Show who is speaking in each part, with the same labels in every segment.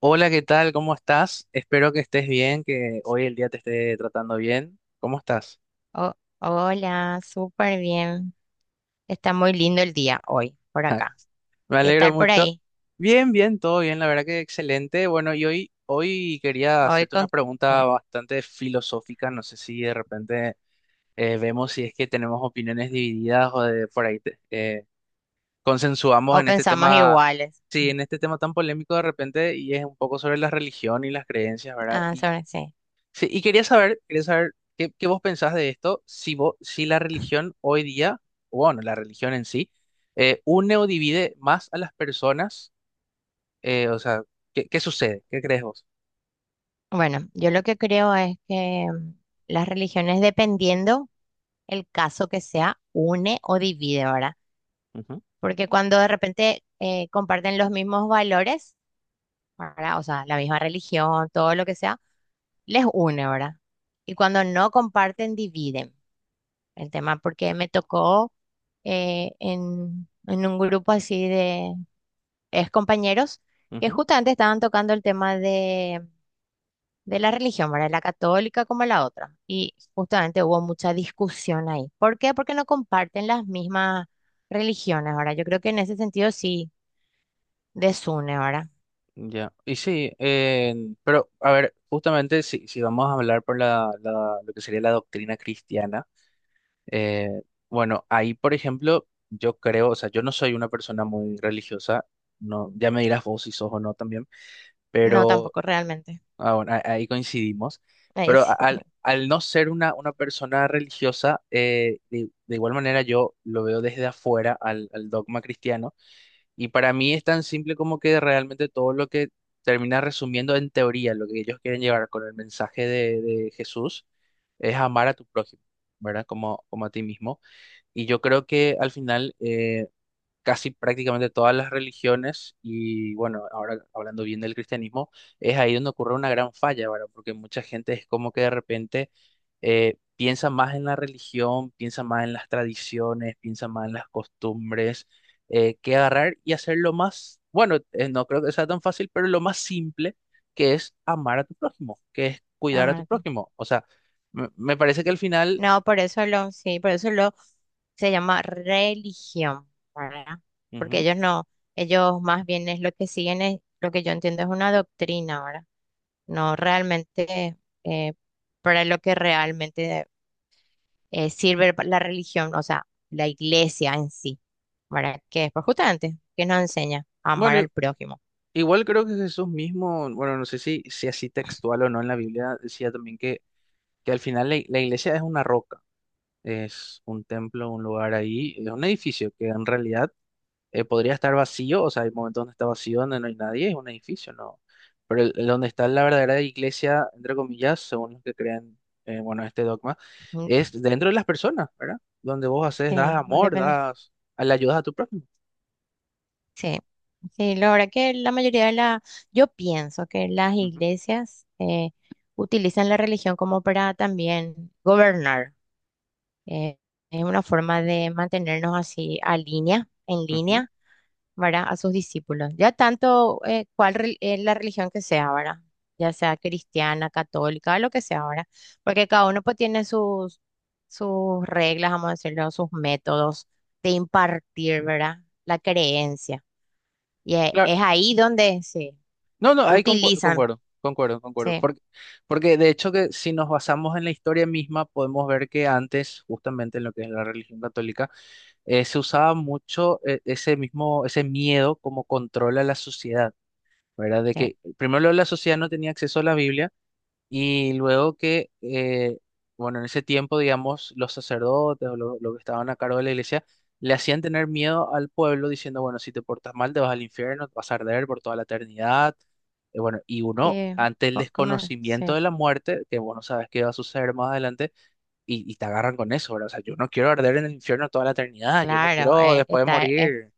Speaker 1: Hola, ¿qué tal? ¿Cómo estás? Espero que estés bien, que hoy el día te esté tratando bien. ¿Cómo estás?
Speaker 2: Oh, hola, súper bien. Está muy lindo el día hoy por acá.
Speaker 1: Me
Speaker 2: ¿Qué
Speaker 1: alegro
Speaker 2: tal por
Speaker 1: mucho.
Speaker 2: ahí?
Speaker 1: Bien, bien, todo bien, la verdad que excelente. Bueno, y hoy quería
Speaker 2: Hoy
Speaker 1: hacerte una
Speaker 2: con...
Speaker 1: pregunta
Speaker 2: eh,
Speaker 1: bastante filosófica. No sé si de repente vemos si es que tenemos opiniones divididas o de por ahí consensuamos
Speaker 2: o
Speaker 1: en este
Speaker 2: pensamos
Speaker 1: tema,
Speaker 2: iguales.
Speaker 1: sí,
Speaker 2: Mm.
Speaker 1: en este tema tan polémico de repente, y es un poco sobre la religión y las creencias, ¿verdad?
Speaker 2: Ah, sobre sí.
Speaker 1: Sí, y quería saber qué, qué vos pensás de esto, si vos, si la religión hoy día, o bueno, la religión en sí, une o divide más a las personas, o sea, ¿qué, qué sucede? ¿Qué crees vos?
Speaker 2: Bueno, yo lo que creo es que las religiones, dependiendo el caso que sea, une o divide, ¿verdad?
Speaker 1: Ujú,
Speaker 2: Porque cuando de repente comparten los mismos valores, ¿verdad? O sea, la misma religión, todo lo que sea, les une, ¿verdad? Y cuando no comparten, dividen. El tema, porque me tocó en un grupo así de ex compañeros que
Speaker 1: ujú,
Speaker 2: justamente estaban tocando el tema de la religión, ¿verdad? La católica como la otra. Y justamente hubo mucha discusión ahí. ¿Por qué? Porque no comparten las mismas religiones. Ahora, yo creo que en ese sentido sí desune, ahora.
Speaker 1: ya. Y sí, pero a ver, justamente si, si vamos a hablar por lo que sería la doctrina cristiana, eh, bueno, ahí, por ejemplo, yo creo, o sea, yo no soy una persona muy religiosa, no, ya me dirás vos si sos o no también.
Speaker 2: No,
Speaker 1: Pero...
Speaker 2: tampoco realmente.
Speaker 1: Ah, bueno, ahí coincidimos,
Speaker 2: Ahí
Speaker 1: pero
Speaker 2: sí,
Speaker 1: al no ser una persona religiosa, de igual manera yo lo veo desde afuera al, al dogma cristiano, y para mí es tan simple como que realmente todo lo que termina resumiendo en teoría lo que ellos quieren llevar con el mensaje de Jesús es amar a tu prójimo, ¿verdad? Como, como a ti mismo. Y yo creo que al final, casi prácticamente todas las religiones, y bueno, ahora hablando bien del cristianismo, es ahí donde ocurre una gran falla, ¿verdad? Porque mucha gente es como que de repente piensa más en la religión, piensa más en las tradiciones, piensa más en las costumbres, que agarrar y hacer lo más, bueno, no creo que sea tan fácil, pero lo más simple, que es amar a tu prójimo, que es cuidar a tu
Speaker 2: amargo.
Speaker 1: prójimo. O sea, me parece que al final...
Speaker 2: No, por eso lo, sí, por eso lo se llama religión, ¿verdad? Porque
Speaker 1: Ujú.
Speaker 2: ellos no, ellos más bien es lo que siguen, es, lo que yo entiendo es una doctrina, ¿verdad? No realmente eh, para lo que realmente sirve la religión, o sea, la iglesia en sí, ¿verdad? Que es pues justamente que nos enseña a amar
Speaker 1: Bueno,
Speaker 2: al prójimo.
Speaker 1: igual creo que Jesús mismo, bueno, no sé si, si así textual o no en la Biblia, decía también que al final la, la iglesia es una roca, es un templo, un lugar ahí, es un edificio que en realidad podría estar vacío, o sea, hay momentos donde está vacío, donde no hay nadie, es un edificio, ¿no? Pero el donde está la verdadera iglesia, entre comillas, según los que crean, bueno, este dogma,
Speaker 2: Mm.
Speaker 1: es dentro de las personas, ¿verdad? Donde vos haces, das
Speaker 2: Sí,
Speaker 1: amor,
Speaker 2: depende.
Speaker 1: das, le ayudas a tu prójimo.
Speaker 2: Sí, sí, la verdad que la mayoría de la, yo pienso que las
Speaker 1: Ujú,
Speaker 2: iglesias utilizan la religión como para también gobernar. eh, es una forma de mantenernos así a línea, en
Speaker 1: ujú.
Speaker 2: línea, ¿verdad? A sus discípulos. Ya tanto la religión que sea, ¿verdad? Ya sea cristiana, católica, lo que sea, ¿verdad? Porque cada uno pues tiene sus reglas, vamos a decirlo, sus métodos de impartir, ¿verdad? La creencia. Y e-
Speaker 1: Claro.
Speaker 2: es, ahí donde se
Speaker 1: No, no, ahí
Speaker 2: utilizan.
Speaker 1: concuerdo, concuerdo, concuerdo.
Speaker 2: Sí,
Speaker 1: Porque, porque de hecho que si nos basamos en la historia misma, podemos ver que antes, justamente en lo que es la religión católica, se usaba mucho ese mismo, ese miedo como control a la sociedad, ¿verdad? De
Speaker 2: sí,
Speaker 1: que primero la sociedad no tenía acceso a la Biblia, y luego que, bueno, en ese tiempo, digamos, los sacerdotes o lo los que estaban a cargo de la iglesia le hacían tener miedo al pueblo diciendo, bueno, si te portas mal, te vas al infierno, te vas a arder por toda la eternidad. Bueno, y uno,
Speaker 2: sí,
Speaker 1: ante el
Speaker 2: ¿cómo?
Speaker 1: desconocimiento de
Speaker 2: Sí,
Speaker 1: la muerte, que vos no sabes qué va a suceder más adelante, y te agarran con eso, ¿verdad? O sea, yo no quiero arder en el infierno toda la eternidad, yo no
Speaker 2: claro,
Speaker 1: quiero después de
Speaker 2: está,
Speaker 1: morir,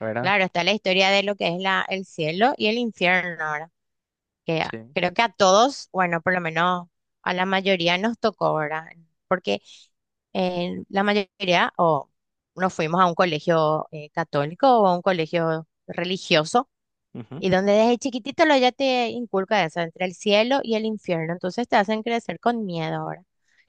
Speaker 1: ¿verdad?
Speaker 2: claro, está la historia de lo que es la, el cielo y el infierno. Ahora, que
Speaker 1: Sí.
Speaker 2: creo que a todos, bueno, por lo menos a la mayoría nos tocó, ahora. Porque la mayoría o nos fuimos a un colegio católico o a un colegio religioso.
Speaker 1: Ujú.
Speaker 2: Y donde desde chiquitito lo ya te inculca eso, entre el cielo y el infierno. Entonces te hacen crecer con miedo, ahora,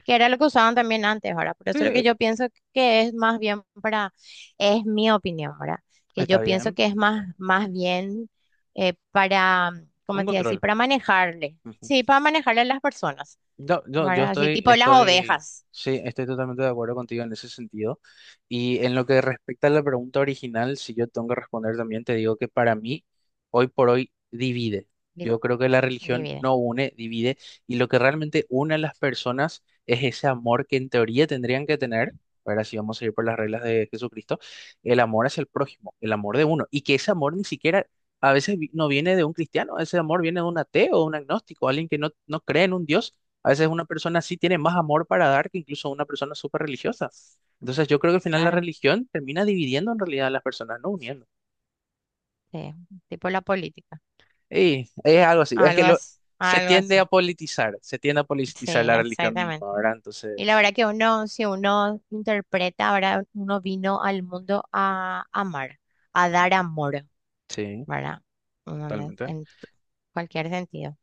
Speaker 2: que era lo que usaban también antes, ahora. Por eso es lo que
Speaker 1: Sí,
Speaker 2: yo pienso que es más bien para, es mi opinión, ahora, que yo
Speaker 1: está
Speaker 2: pienso
Speaker 1: bien,
Speaker 2: que es
Speaker 1: está
Speaker 2: más,
Speaker 1: bien.
Speaker 2: más bien para, ¿cómo
Speaker 1: Un
Speaker 2: te iba a decir?
Speaker 1: control.
Speaker 2: Para manejarle. Sí, para manejarle a las personas,
Speaker 1: No, no, yo
Speaker 2: ¿verdad? Así
Speaker 1: estoy,
Speaker 2: tipo las
Speaker 1: estoy,
Speaker 2: ovejas.
Speaker 1: sí, estoy totalmente de acuerdo contigo en ese sentido. Y en lo que respecta a la pregunta original, si yo tengo que responder también, te digo que para mí, hoy por hoy, divide.
Speaker 2: di-
Speaker 1: Yo creo que la religión
Speaker 2: divide,
Speaker 1: no une, divide. Y lo que realmente une a las personas es ese amor que en teoría tendrían que tener. Ahora, si vamos a ir por las reglas de Jesucristo, el amor hacia el prójimo, el amor de uno. Y que ese amor ni siquiera... a veces no viene de un cristiano, ese amor viene de un ateo, un agnóstico, alguien que no, no cree en un Dios. A veces una persona sí tiene más amor para dar que incluso una persona súper religiosa. Entonces yo creo que al final la
Speaker 2: claro,
Speaker 1: religión termina dividiendo en realidad a las personas, no uniendo.
Speaker 2: sí, tipo la política.
Speaker 1: Y es algo así, es
Speaker 2: Algo
Speaker 1: que lo,
Speaker 2: así,
Speaker 1: se
Speaker 2: algo
Speaker 1: tiende
Speaker 2: así.
Speaker 1: a politizar, se tiende a politizar
Speaker 2: Sí,
Speaker 1: la religión
Speaker 2: exactamente.
Speaker 1: misma, ¿verdad?
Speaker 2: Y la
Speaker 1: Entonces,
Speaker 2: verdad que uno, si uno interpreta, ahora. Uno vino al mundo a amar, a dar
Speaker 1: ujú,
Speaker 2: amor,
Speaker 1: sí,
Speaker 2: ¿verdad? Uno no.
Speaker 1: totalmente.
Speaker 2: Cualquier sentido.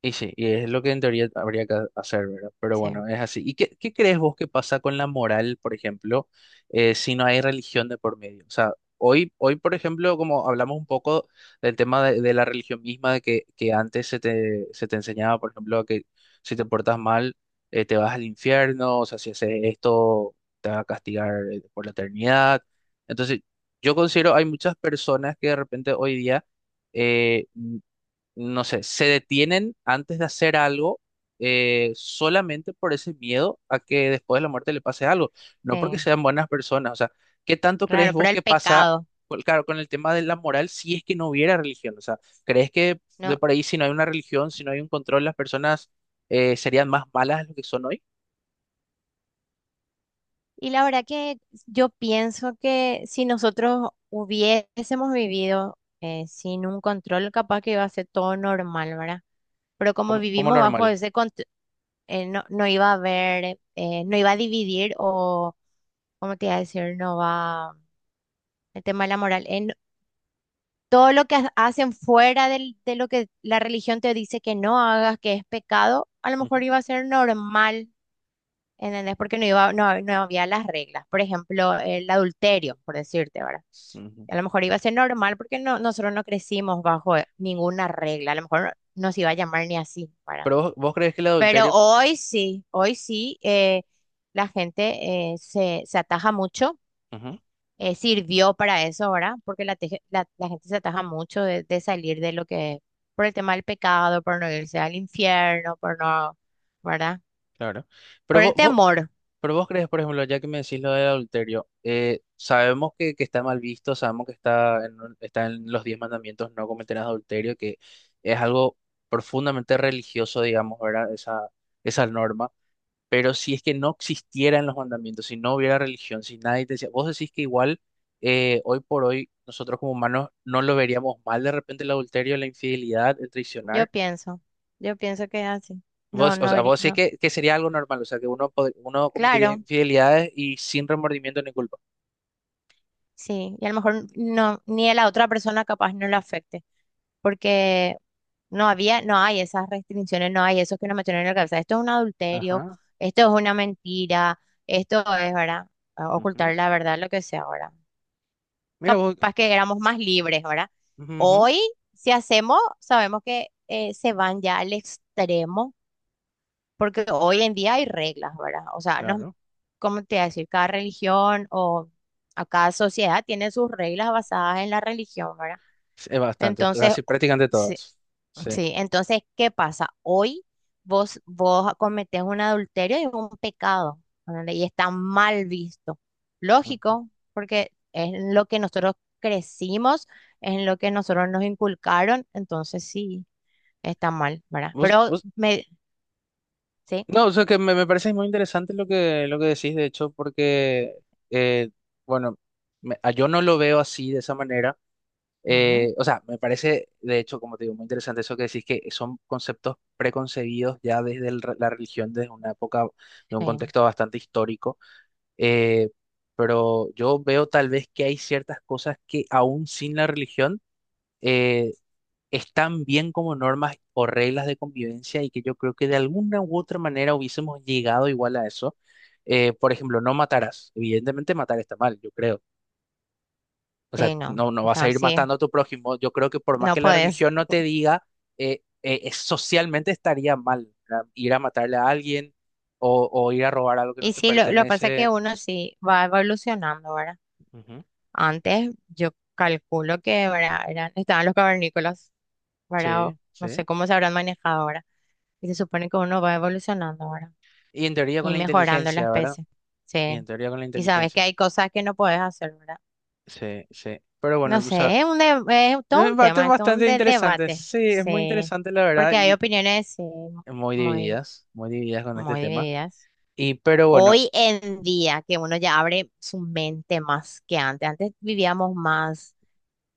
Speaker 1: Y sí, y es lo que en teoría habría que hacer, ¿verdad? Pero
Speaker 2: Sí,
Speaker 1: bueno, es así. ¿Y qué, qué crees vos que pasa con la moral, por ejemplo, si no hay religión de por medio? O sea, hoy, hoy, por ejemplo, como hablamos un poco del tema de la religión misma, de que antes se te enseñaba, por ejemplo, que si te portas mal, te vas al infierno, o sea, si haces esto, te va a castigar por la eternidad. Entonces, yo considero hay muchas personas que de repente hoy día... eh, no sé, se detienen antes de hacer algo solamente por ese miedo a que después de la muerte le pase algo, no porque
Speaker 2: sí,
Speaker 1: sean buenas personas. O sea, ¿qué tanto crees
Speaker 2: claro,
Speaker 1: vos
Speaker 2: pero el
Speaker 1: que pasa,
Speaker 2: pecado,
Speaker 1: pues, claro, con el tema de la moral si es que no hubiera religión? O sea, ¿crees que de
Speaker 2: ¿no?
Speaker 1: por ahí si no hay una religión, si no hay un control, las personas serían más malas de lo que son hoy?
Speaker 2: Y la verdad que yo pienso que si nosotros hubiésemos vivido sin un control, capaz que iba a ser todo normal, ¿verdad? Pero como
Speaker 1: Como, como
Speaker 2: vivimos bajo
Speaker 1: normal.
Speaker 2: ese no, no iba a haber, no iba a dividir o, ¿cómo te iba a decir? No va, el tema de la moral. Todo lo que hacen fuera de lo que la religión te dice que no hagas, que es pecado, a lo mejor
Speaker 1: Ujú,
Speaker 2: iba a ser normal, ¿entendés? Porque no iba, no, no había las reglas. Por ejemplo, el adulterio, por decirte, ¿verdad?
Speaker 1: ujú.
Speaker 2: A lo mejor iba a ser normal porque no, nosotros no crecimos bajo ninguna regla. A lo mejor no nos iba a llamar ni así, ¿verdad?
Speaker 1: Pero vos, vos crees que el
Speaker 2: Pero
Speaker 1: adulterio...
Speaker 2: hoy sí, la gente se ataja mucho,
Speaker 1: Ujú,
Speaker 2: sirvió para eso, ahora, porque la gente se ataja mucho de salir de lo que, por el tema del pecado, por no irse al infierno, por no, ¿verdad?
Speaker 1: claro. Pero
Speaker 2: Por
Speaker 1: vos,
Speaker 2: el
Speaker 1: vos...
Speaker 2: temor,
Speaker 1: Pero vos crees, por ejemplo, ya que me decís lo del adulterio, sabemos que está mal visto, sabemos que está en, está en los diez mandamientos, no cometerás adulterio, que es algo profundamente religioso, digamos, ¿verdad? Esa norma. Pero si es que no existieran los mandamientos, si no hubiera religión, si nadie te decía, vos decís que igual hoy por hoy nosotros como humanos no lo veríamos mal de repente el adulterio, la infidelidad, el
Speaker 2: yo
Speaker 1: traicionar.
Speaker 2: pienso, yo pienso que es así. No,
Speaker 1: Vos, o
Speaker 2: no,
Speaker 1: sea, vos sí
Speaker 2: no,
Speaker 1: que sería algo normal, o sea, que uno, uno cometería
Speaker 2: claro,
Speaker 1: infidelidades y sin remordimiento ni culpa.
Speaker 2: sí, y a lo mejor no, ni a la otra persona capaz no le afecte. Porque no había, no hay esas restricciones, no hay eso que nos metieron en la cabeza. Esto es un adulterio,
Speaker 1: Ajá.
Speaker 2: esto es una mentira, esto es, ¿verdad?
Speaker 1: Ujú.
Speaker 2: Ocultar la verdad, lo que sea, ahora.
Speaker 1: Mira vos,
Speaker 2: Capaz que éramos más libres, ¿verdad?
Speaker 1: ujú, ujú.
Speaker 2: Hoy, si hacemos, sabemos que se van ya al extremo, porque hoy en día hay reglas, ¿verdad? O sea, no,
Speaker 1: Claro.
Speaker 2: ¿cómo te voy a decir? Cada religión o a cada sociedad tiene sus reglas basadas en la religión, ¿verdad?
Speaker 1: Es bastante,
Speaker 2: Entonces,
Speaker 1: casi prácticamente todas. Sí.
Speaker 2: sí, entonces, ¿qué pasa? Hoy vos cometés un adulterio y un pecado, ¿entendés? Y está mal visto.
Speaker 1: Ujú.
Speaker 2: Lógico, porque es en lo que nosotros crecimos, es en lo que nosotros nos inculcaron, entonces sí, está mal, ¿verdad?
Speaker 1: Vos,
Speaker 2: Pero
Speaker 1: vos...
Speaker 2: me, sí,
Speaker 1: no, o sea, que me parece muy interesante lo que decís, de hecho, porque, eh, bueno, yo no lo veo así, de esa manera.
Speaker 2: ujú,
Speaker 1: O sea, me parece, de hecho, como te digo, muy interesante eso que decís, que son conceptos preconcebidos ya desde la religión, desde una época, de un
Speaker 2: sí,
Speaker 1: contexto bastante histórico. Eh, pero yo veo tal vez que hay ciertas cosas que aún sin la religión eh, están bien como normas o reglas de convivencia, y que yo creo que de alguna u otra manera hubiésemos llegado igual a eso. Por ejemplo, no matarás. Evidentemente matar está mal, yo creo. O sea,
Speaker 2: sí, no,
Speaker 1: no, no vas a
Speaker 2: está,
Speaker 1: ir
Speaker 2: sí,
Speaker 1: matando a tu prójimo. Yo creo que por más
Speaker 2: no
Speaker 1: que la
Speaker 2: podés.
Speaker 1: religión no te diga, socialmente estaría mal, ¿verdad? Ir a matarle a alguien o ir a robar algo que no
Speaker 2: Y
Speaker 1: te
Speaker 2: sí, lo que pasa es que
Speaker 1: pertenece.
Speaker 2: uno sí va evolucionando, ¿verdad?
Speaker 1: Ujú.
Speaker 2: Antes yo calculo que, ¿verdad? Eran, estaban los cavernícolas, ¿verdad?
Speaker 1: Sí,
Speaker 2: O no
Speaker 1: sí.
Speaker 2: sé cómo se habrán manejado, ahora. Y se supone que uno va evolucionando, ahora,
Speaker 1: Y en teoría con
Speaker 2: y
Speaker 1: la
Speaker 2: mejorando la
Speaker 1: inteligencia, ¿verdad?
Speaker 2: especie.
Speaker 1: Y en
Speaker 2: Sí.
Speaker 1: teoría con la
Speaker 2: Y sabes que
Speaker 1: inteligencia.
Speaker 2: hay cosas que no puedes hacer, ¿verdad?
Speaker 1: Sí, sí. Pero bueno,
Speaker 2: No
Speaker 1: o sea,
Speaker 2: sé, es un es todo un
Speaker 1: bate
Speaker 2: tema, es todo un
Speaker 1: bastante
Speaker 2: de-
Speaker 1: interesante.
Speaker 2: debate.
Speaker 1: Sí, es muy
Speaker 2: Sí.
Speaker 1: interesante la verdad,
Speaker 2: Porque hay
Speaker 1: y
Speaker 2: opiniones, sí, muy,
Speaker 1: muy divididas con este
Speaker 2: muy
Speaker 1: tema.
Speaker 2: divididas.
Speaker 1: Y pero bueno,
Speaker 2: Hoy en día, que uno ya abre su mente más que antes. Antes vivíamos más,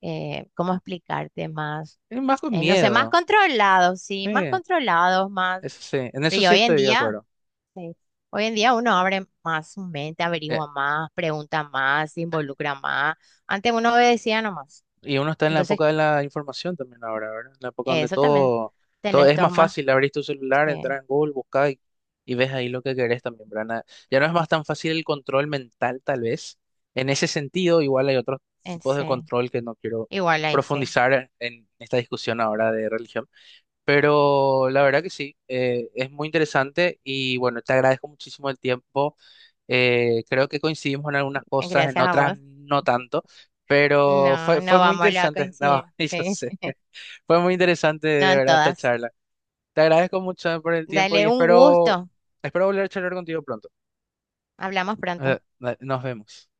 Speaker 2: ¿cómo explicarte? Más,
Speaker 1: es más con
Speaker 2: no sé, más
Speaker 1: miedo.
Speaker 2: controlados, sí, más
Speaker 1: Sí,
Speaker 2: controlados, más.
Speaker 1: eso sí, en eso
Speaker 2: Pero y
Speaker 1: sí
Speaker 2: hoy en
Speaker 1: estoy de
Speaker 2: día.
Speaker 1: acuerdo.
Speaker 2: Sí. Hoy en día uno abre más su mente, averigua más, pregunta más, se involucra más. Antes uno obedecía nomás.
Speaker 1: Y uno está en la
Speaker 2: Entonces,
Speaker 1: época de la información también ahora, ¿verdad? En la época donde
Speaker 2: eso también
Speaker 1: todo, todo
Speaker 2: tenés
Speaker 1: es
Speaker 2: todos
Speaker 1: más
Speaker 2: más.
Speaker 1: fácil, abrir tu celular,
Speaker 2: Sí,
Speaker 1: entrar en Google, buscar, y ves ahí lo que querés también, ¿verdad? Na... ya no es más tan fácil el control mental, tal vez. En ese sentido, igual hay otros tipos de
Speaker 2: sí.
Speaker 1: control que no quiero
Speaker 2: Igual ahí, sí.
Speaker 1: profundizar en esta discusión ahora de religión. Pero la verdad que sí, es muy interesante y bueno, te agradezco muchísimo el tiempo. Creo que coincidimos en algunas cosas, en
Speaker 2: Gracias a
Speaker 1: otras
Speaker 2: vos.
Speaker 1: no tanto, pero
Speaker 2: No,
Speaker 1: fue, fue
Speaker 2: no
Speaker 1: muy
Speaker 2: vamos a
Speaker 1: interesante. No,
Speaker 2: coincidir.
Speaker 1: y yo
Speaker 2: Sí,
Speaker 1: sé, fue muy interesante
Speaker 2: no
Speaker 1: de
Speaker 2: en
Speaker 1: verdad esta
Speaker 2: todas.
Speaker 1: charla. Te agradezco mucho por el tiempo
Speaker 2: Dale
Speaker 1: y
Speaker 2: un
Speaker 1: espero,
Speaker 2: gusto.
Speaker 1: espero volver a charlar contigo pronto.
Speaker 2: Hablamos pronto.
Speaker 1: Eh, nos vemos.